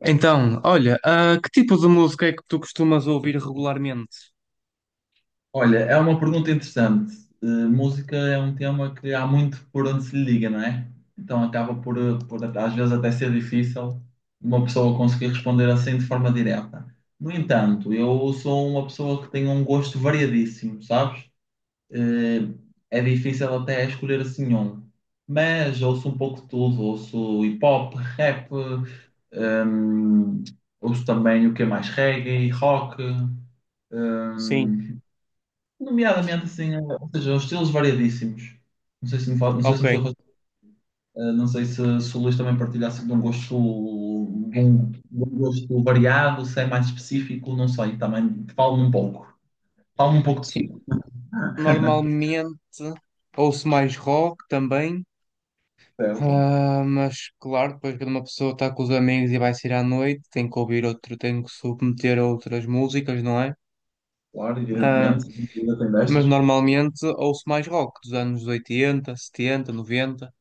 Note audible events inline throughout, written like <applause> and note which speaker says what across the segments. Speaker 1: Então, olha, que tipo de música é que tu costumas ouvir regularmente?
Speaker 2: Olha, é uma pergunta interessante. Música é um tema que há muito por onde se lhe liga, não é? Então acaba por às vezes até ser difícil uma pessoa conseguir responder assim de forma direta. No entanto, eu sou uma pessoa que tem um gosto variadíssimo, sabes? Eh, É difícil até escolher assim um. Mas ouço um pouco de tudo, ouço hip hop, rap, eh, ouço também o que é mais reggae, rock.
Speaker 1: Sim,
Speaker 2: Hum, Nomeadamente, assim, ou seja, os estilos variadíssimos. Não sei se
Speaker 1: ok.
Speaker 2: me estou a não sei se o Luís também partilhasse de um gosto, de um gosto variado, se é mais específico, não sei, também falo-me um pouco. Falo-me um pouco de si,
Speaker 1: Sim, normalmente ouço mais rock também,
Speaker 2: certo?
Speaker 1: mas claro, depois quando uma pessoa está com os amigos e vai sair à noite, tem que ouvir outro, tem que submeter a outras músicas, não é?
Speaker 2: Claro,
Speaker 1: Ah,
Speaker 2: evidentemente, ainda tem
Speaker 1: mas
Speaker 2: destas.
Speaker 1: normalmente ouço mais rock dos anos oitenta, setenta, noventa.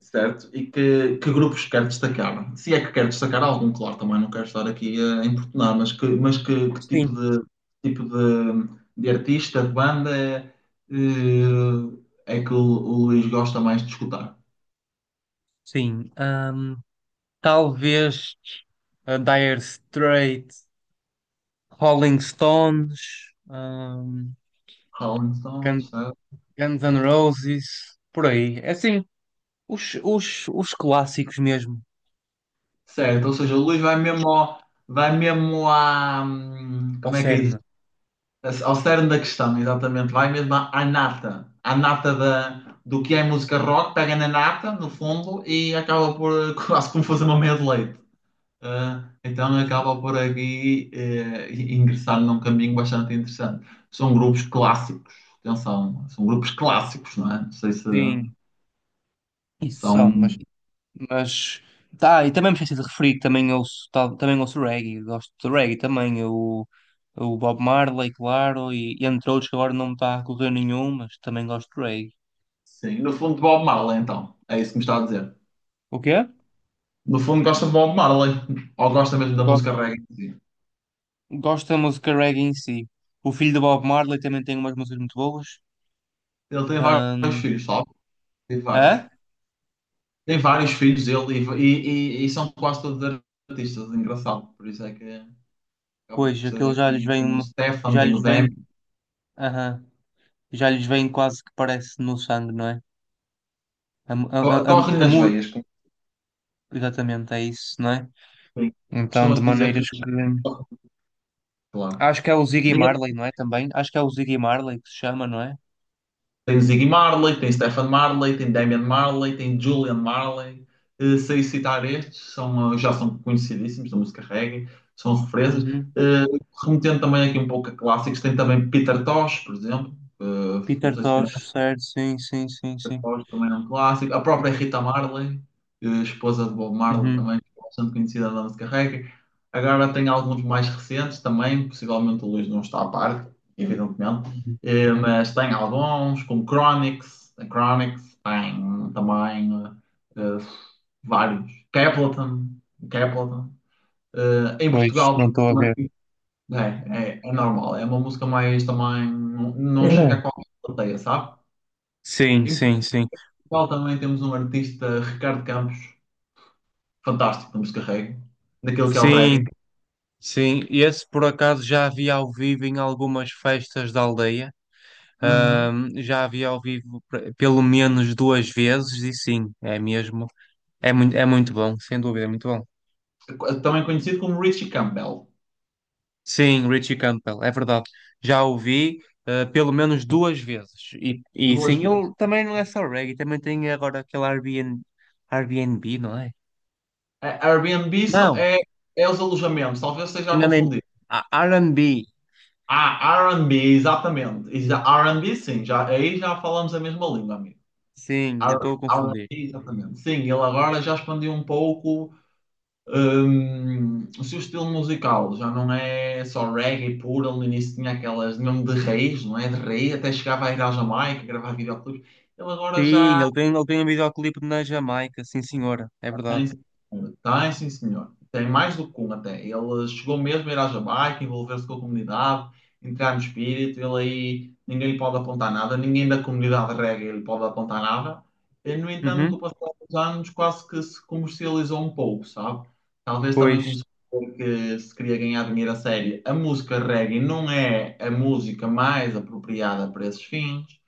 Speaker 2: Certo? E que grupos quer destacar? Se é que quer destacar algum, claro, também não quero estar aqui a importunar, mas que tipo
Speaker 1: Sim,
Speaker 2: de, tipo de, de artista, de banda é, é que o Luís gosta mais de escutar?
Speaker 1: sim. Talvez a Dire Straits. Rolling Stones,
Speaker 2: Rolling Stones,
Speaker 1: Gun-
Speaker 2: certo?
Speaker 1: Guns N' Roses, por aí. É assim, os clássicos mesmo,
Speaker 2: Certo, ou seja, o Luís
Speaker 1: os,
Speaker 2: vai vai mesmo à,
Speaker 1: ao
Speaker 2: como é que é?
Speaker 1: cerne.
Speaker 2: Ao cerne da questão, exatamente. Vai mesmo à, à nata. À nata do que é música rock, pega na nata, no fundo, e acaba por <laughs> quase como fazer uma meia de leite. Ah, então acaba por aqui ingressar num caminho bastante interessante. São grupos clássicos, atenção, são grupos clássicos, não é? Não sei se
Speaker 1: Sim, isso são,
Speaker 2: são.
Speaker 1: mas tá, e também me esqueci de referir, que também ouço, também ouço reggae, gosto de reggae também, o Bob Marley, claro, e entre outros que agora não me está a correr nenhum, mas também gosto de reggae.
Speaker 2: Sim, no fundo, Bob Marley, então. É isso que me está a dizer.
Speaker 1: O quê?
Speaker 2: No fundo, gosta de Bob Marley, ou gosta mesmo da
Speaker 1: Gosto,
Speaker 2: música reggae em si.
Speaker 1: gosto da música reggae em si. O filho do Bob Marley também tem umas músicas muito boas.
Speaker 2: Ele tem vários
Speaker 1: Ahm,
Speaker 2: filhos, sabe? Tem vários.
Speaker 1: hã?
Speaker 2: Tem vários filhos ele e são quase todos artistas, é engraçado. Por isso é que acaba
Speaker 1: Pois,
Speaker 2: por ser
Speaker 1: aquilo já lhes
Speaker 2: aqui.
Speaker 1: vem,
Speaker 2: Tem o Stefan,
Speaker 1: já
Speaker 2: tem
Speaker 1: lhes
Speaker 2: o Demi.
Speaker 1: vem, aham, já lhes vem quase que parece no sangue, não é?
Speaker 2: Corre-lhe
Speaker 1: A
Speaker 2: nas
Speaker 1: mu-
Speaker 2: veias, como
Speaker 1: Exatamente, é isso, não é?
Speaker 2: se diz.
Speaker 1: Então, de
Speaker 2: Costuma-se dizer
Speaker 1: maneiras
Speaker 2: que eles
Speaker 1: que.
Speaker 2: correm, claro.
Speaker 1: Acho que é o Ziggy
Speaker 2: Diga-
Speaker 1: Marley, não é? Também. Acho que é o Ziggy Marley que se chama, não é?
Speaker 2: Tem Ziggy Marley, tem Stefan Marley, tem Damian Marley, tem Julian Marley. Sei citar estes, são, já são conhecidíssimos da música reggae, são referências.
Speaker 1: Uhum.
Speaker 2: Eh, Remetendo também aqui um pouco a clássicos, tem também Peter Tosh, por exemplo. Não
Speaker 1: Peter
Speaker 2: sei se conhece.
Speaker 1: Tosh, certo, sim, sim, sim, sim.
Speaker 2: Oz também é um clássico. A própria Rita Marley, esposa de Bob Marley,
Speaker 1: Uhum.
Speaker 2: também bastante conhecida da música reggae. Agora tem alguns mais recentes também, possivelmente o Luís não está a par, evidentemente.
Speaker 1: Uhum.
Speaker 2: Mas tem alguns, como Chronix, a Chronix, tem também eh, eh, vários. Capleton, Capleton. Em
Speaker 1: Pois,
Speaker 2: Portugal
Speaker 1: não estou a ver.
Speaker 2: é normal, é uma música mais também, não chega
Speaker 1: É.
Speaker 2: a qualquer plateia, sabe?
Speaker 1: Sim,
Speaker 2: Em
Speaker 1: sim, sim.
Speaker 2: Portugal também temos um artista, Ricardo Campos, fantástico no descarrego, daquele que é o reggae,
Speaker 1: Sim, sim. Esse por acaso já havia ao vivo em algumas festas da aldeia.
Speaker 2: uhum,
Speaker 1: Já a vi ao vivo pelo menos duas vezes e sim, é mesmo. É muito bom, sem dúvida, é muito bom.
Speaker 2: também conhecido como Richie Campbell,
Speaker 1: Sim, Richie Campbell, é verdade. Já o vi pelo menos duas vezes. E
Speaker 2: duas
Speaker 1: sim,
Speaker 2: vezes.
Speaker 1: ele também não é só reggae, também tem agora aquele Airbnb, Airbnb, não é?
Speaker 2: A Airbnb
Speaker 1: Não,
Speaker 2: é, é os alojamentos, talvez esteja a
Speaker 1: enganei.
Speaker 2: confundir.
Speaker 1: Ah, R&B,
Speaker 2: Ah, R&B, exatamente. R&B, sim, já, aí já falamos a mesma língua, amigo.
Speaker 1: sim, eu estou a
Speaker 2: R&B,
Speaker 1: confundir.
Speaker 2: exatamente. Sim, ele agora já expandiu um pouco. O seu estilo musical já não é só reggae puro, ele no início tinha aquelas nome de reis, não é? De rei, até chegava a ir à Jamaica gravar videoclipes. Ele agora
Speaker 1: Sim,
Speaker 2: já
Speaker 1: ele tem um videoclipe na Jamaica, sim senhora, é verdade.
Speaker 2: tem, sim, senhora. Tem, sim, senhor. Tem mais do que um até. Ele chegou mesmo a ir à Jamaica, envolver-se com a comunidade, entrar no espírito. Ele aí, ninguém lhe pode apontar nada, ninguém da comunidade reggae lhe pode apontar nada. E, no entanto,
Speaker 1: Uhum,
Speaker 2: com o passar dos anos, quase que se comercializou um pouco, sabe? Talvez também
Speaker 1: pois,
Speaker 2: começou a ver que se queria ganhar dinheiro a sério. A música reggae não é a música mais apropriada para esses fins.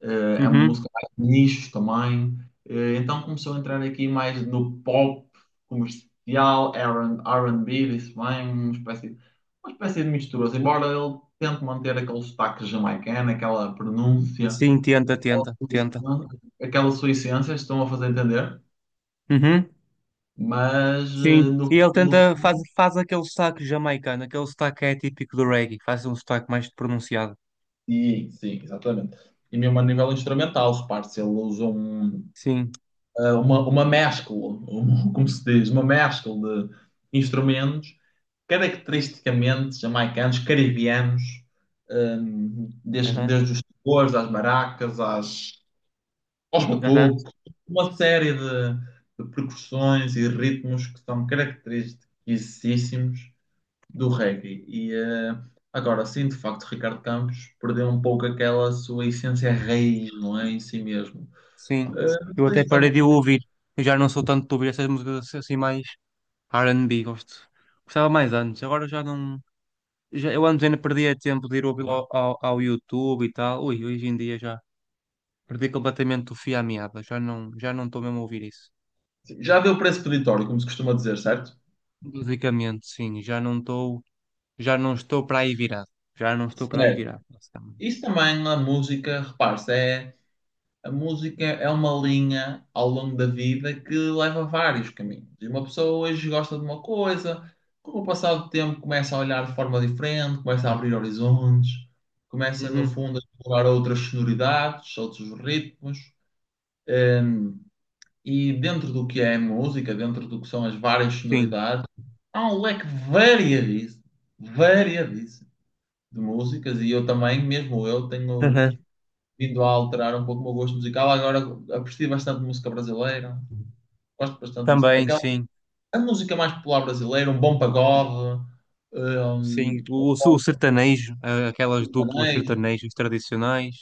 Speaker 2: É uma
Speaker 1: uhum,
Speaker 2: música mais de nicho também. Então começou a entrar aqui mais no pop comercial, R&B, disse bem, uma espécie de mistura. Assim, embora ele tente manter aquele sotaque jamaicano, aquela pronúncia,
Speaker 1: sim, tenta, tenta, tenta.
Speaker 2: aquela sua essência, estão a fazer entender,
Speaker 1: Uhum,
Speaker 2: mas
Speaker 1: sim.
Speaker 2: no,
Speaker 1: E ele
Speaker 2: no
Speaker 1: tenta, faz, faz aquele sotaque jamaicano, aquele sotaque que é típico do reggae, faz um sotaque mais pronunciado.
Speaker 2: sim, sim, exatamente. E mesmo a nível instrumental, repare-se, ele usa
Speaker 1: Sim.
Speaker 2: uma mescla, <laughs> como se diz, uma mescla de instrumentos caracteristicamente jamaicanos, caribianos,
Speaker 1: Aham.
Speaker 2: desde os tambores, às baracas, aos
Speaker 1: Aham.
Speaker 2: batucos, uma série de percussões e ritmos que são característicos do reggae. E agora sim, de facto, Ricardo Campos perdeu um pouco aquela sua essência raiz, não é? Em si mesmo. Eh,
Speaker 1: Sim.
Speaker 2: não
Speaker 1: Eu
Speaker 2: sei
Speaker 1: até
Speaker 2: se
Speaker 1: parei
Speaker 2: também.
Speaker 1: de ouvir. Eu já não sou tanto de ouvir essas músicas assim mais R&B, gosto. Gostava mais antes, agora já não. Já, eu antes ainda perdia tempo de ir ouvir ao YouTube e tal. Ui, hoje em dia já perdi completamente o fio à meada. Já não estou mesmo a ouvir isso.
Speaker 2: Já deu preço peditório, como se costuma dizer, certo?
Speaker 1: Musicamente, sim, já não estou. Já não estou para aí virado. Já não estou para aí
Speaker 2: Certo.
Speaker 1: virado, basicamente.
Speaker 2: Isso também na música, repare-se, é... A música é uma linha ao longo da vida que leva a vários caminhos. E uma pessoa hoje gosta de uma coisa, com o passar do tempo começa a olhar de forma diferente, começa a abrir horizontes, começa no
Speaker 1: Uhum.
Speaker 2: fundo a explorar outras sonoridades, outros ritmos. E dentro do que é a música, dentro do que são as várias
Speaker 1: Sim.
Speaker 2: sonoridades, há um leque variadíssimo, variadíssimo de músicas. E eu também, mesmo eu, tenho
Speaker 1: Uhum.
Speaker 2: vindo a alterar um pouco o meu gosto musical. Agora aprecio bastante música brasileira. Gosto bastante de música.
Speaker 1: Também,
Speaker 2: Aquela,
Speaker 1: sim.
Speaker 2: a música mais popular brasileira, um bom pagode,
Speaker 1: Sim.
Speaker 2: um
Speaker 1: O
Speaker 2: bom
Speaker 1: sertanejo, aquelas duplas
Speaker 2: sertanejo,
Speaker 1: sertanejos tradicionais.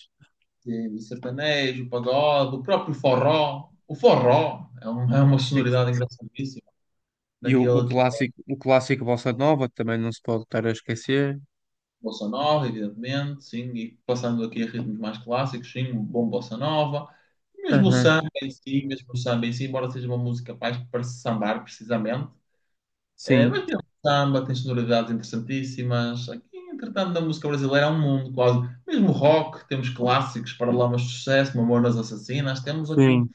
Speaker 2: sim, sertanejo, pagode, o próprio forró. O forró é uma
Speaker 1: Sim.
Speaker 2: sonoridade engraçadíssima.
Speaker 1: E
Speaker 2: Daquele que é
Speaker 1: o clássico Bossa Nova também não se pode estar a esquecer.
Speaker 2: bossa nova, evidentemente, sim, e passando aqui a ritmos mais clássicos, sim, um bom bossa nova. Mesmo o
Speaker 1: Uhum.
Speaker 2: samba em si, mesmo o samba em si, embora seja uma música mais para sambar, precisamente.
Speaker 1: Sim.
Speaker 2: Mas tem um samba, tem sonoridades interessantíssimas. Aqui, entretanto, da música brasileira há um mundo quase. Mesmo rock, temos clássicos, Paralamas de Sucesso, Mamonas Assassinas. Temos aqui uma
Speaker 1: Sim.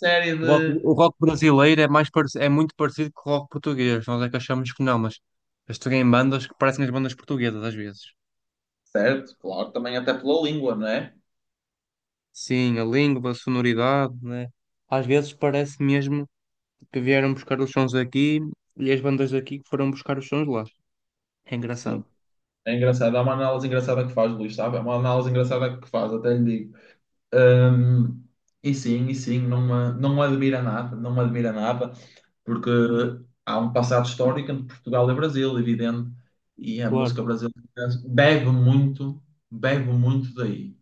Speaker 2: série de...
Speaker 1: O rock brasileiro é mais é muito parecido com o rock português. Nós é que achamos que não, mas eles têm bandas que parecem as bandas portuguesas às vezes.
Speaker 2: Certo, claro, também até pela língua, não é?
Speaker 1: Sim, a língua, a sonoridade, né? Às vezes parece mesmo que vieram buscar os sons aqui e as bandas daqui que foram buscar os sons lá. É
Speaker 2: Sim.
Speaker 1: engraçado.
Speaker 2: É engraçado. Há uma análise engraçada que faz, Luís, sabe? É uma análise engraçada que faz, até lhe digo. Hum, e sim, e sim, não, não me admira nada, não me admira nada. Porque há um passado histórico entre Portugal e Brasil, evidente, e a
Speaker 1: Claro.
Speaker 2: música brasileira bebe muito, bebe muito daí.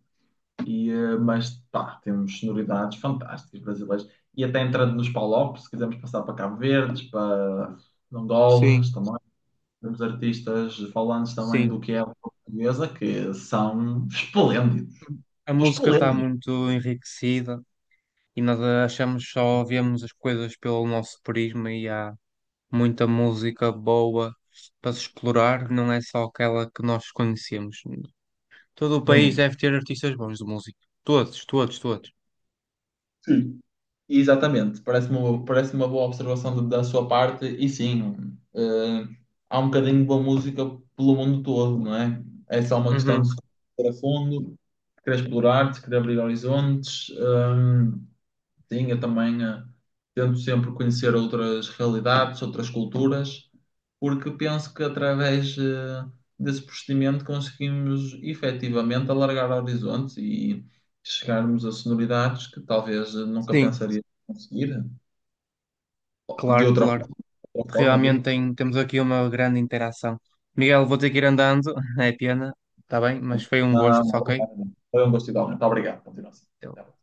Speaker 2: E, mas pá, temos sonoridades fantásticas brasileiras. E até entrando nos palopes, se quisermos passar para Cabo Verdes, para Angolas
Speaker 1: Sim,
Speaker 2: também, temos artistas falantes também
Speaker 1: sim.
Speaker 2: do que é a língua portuguesa que são esplêndidos.
Speaker 1: A
Speaker 2: São
Speaker 1: música está
Speaker 2: esplêndidos.
Speaker 1: muito enriquecida e nós achamos só vemos as coisas pelo nosso prisma e há muita música boa para se explorar, não é só aquela que nós conhecemos. Todo o país
Speaker 2: Bom,
Speaker 1: deve ter artistas bons de música. Todos, todos, todos.
Speaker 2: sim. Exatamente, parece-me uma, parece uma boa observação da sua parte, e sim, há um bocadinho de boa música pelo mundo todo, não é? É só uma questão de
Speaker 1: Uhum.
Speaker 2: se conhecer a fundo, de querer explorar, de querer abrir horizontes. Sim, eu também tento sempre conhecer outras realidades, outras culturas, porque penso que através desse procedimento conseguimos efetivamente alargar horizontes e chegarmos a sonoridades que talvez nunca
Speaker 1: Sim,
Speaker 2: pensaria conseguir. De
Speaker 1: claro,
Speaker 2: outra,
Speaker 1: claro.
Speaker 2: Outra forma,
Speaker 1: Realmente
Speaker 2: digo.
Speaker 1: temos aqui uma grande interação. Miguel, vou ter que ir andando, <laughs> é pena, está bem, mas foi um gosto,
Speaker 2: Não, não,
Speaker 1: ok?
Speaker 2: obrigado. Foi um gosto igual. Muito obrigado. Continua assim. Até lá.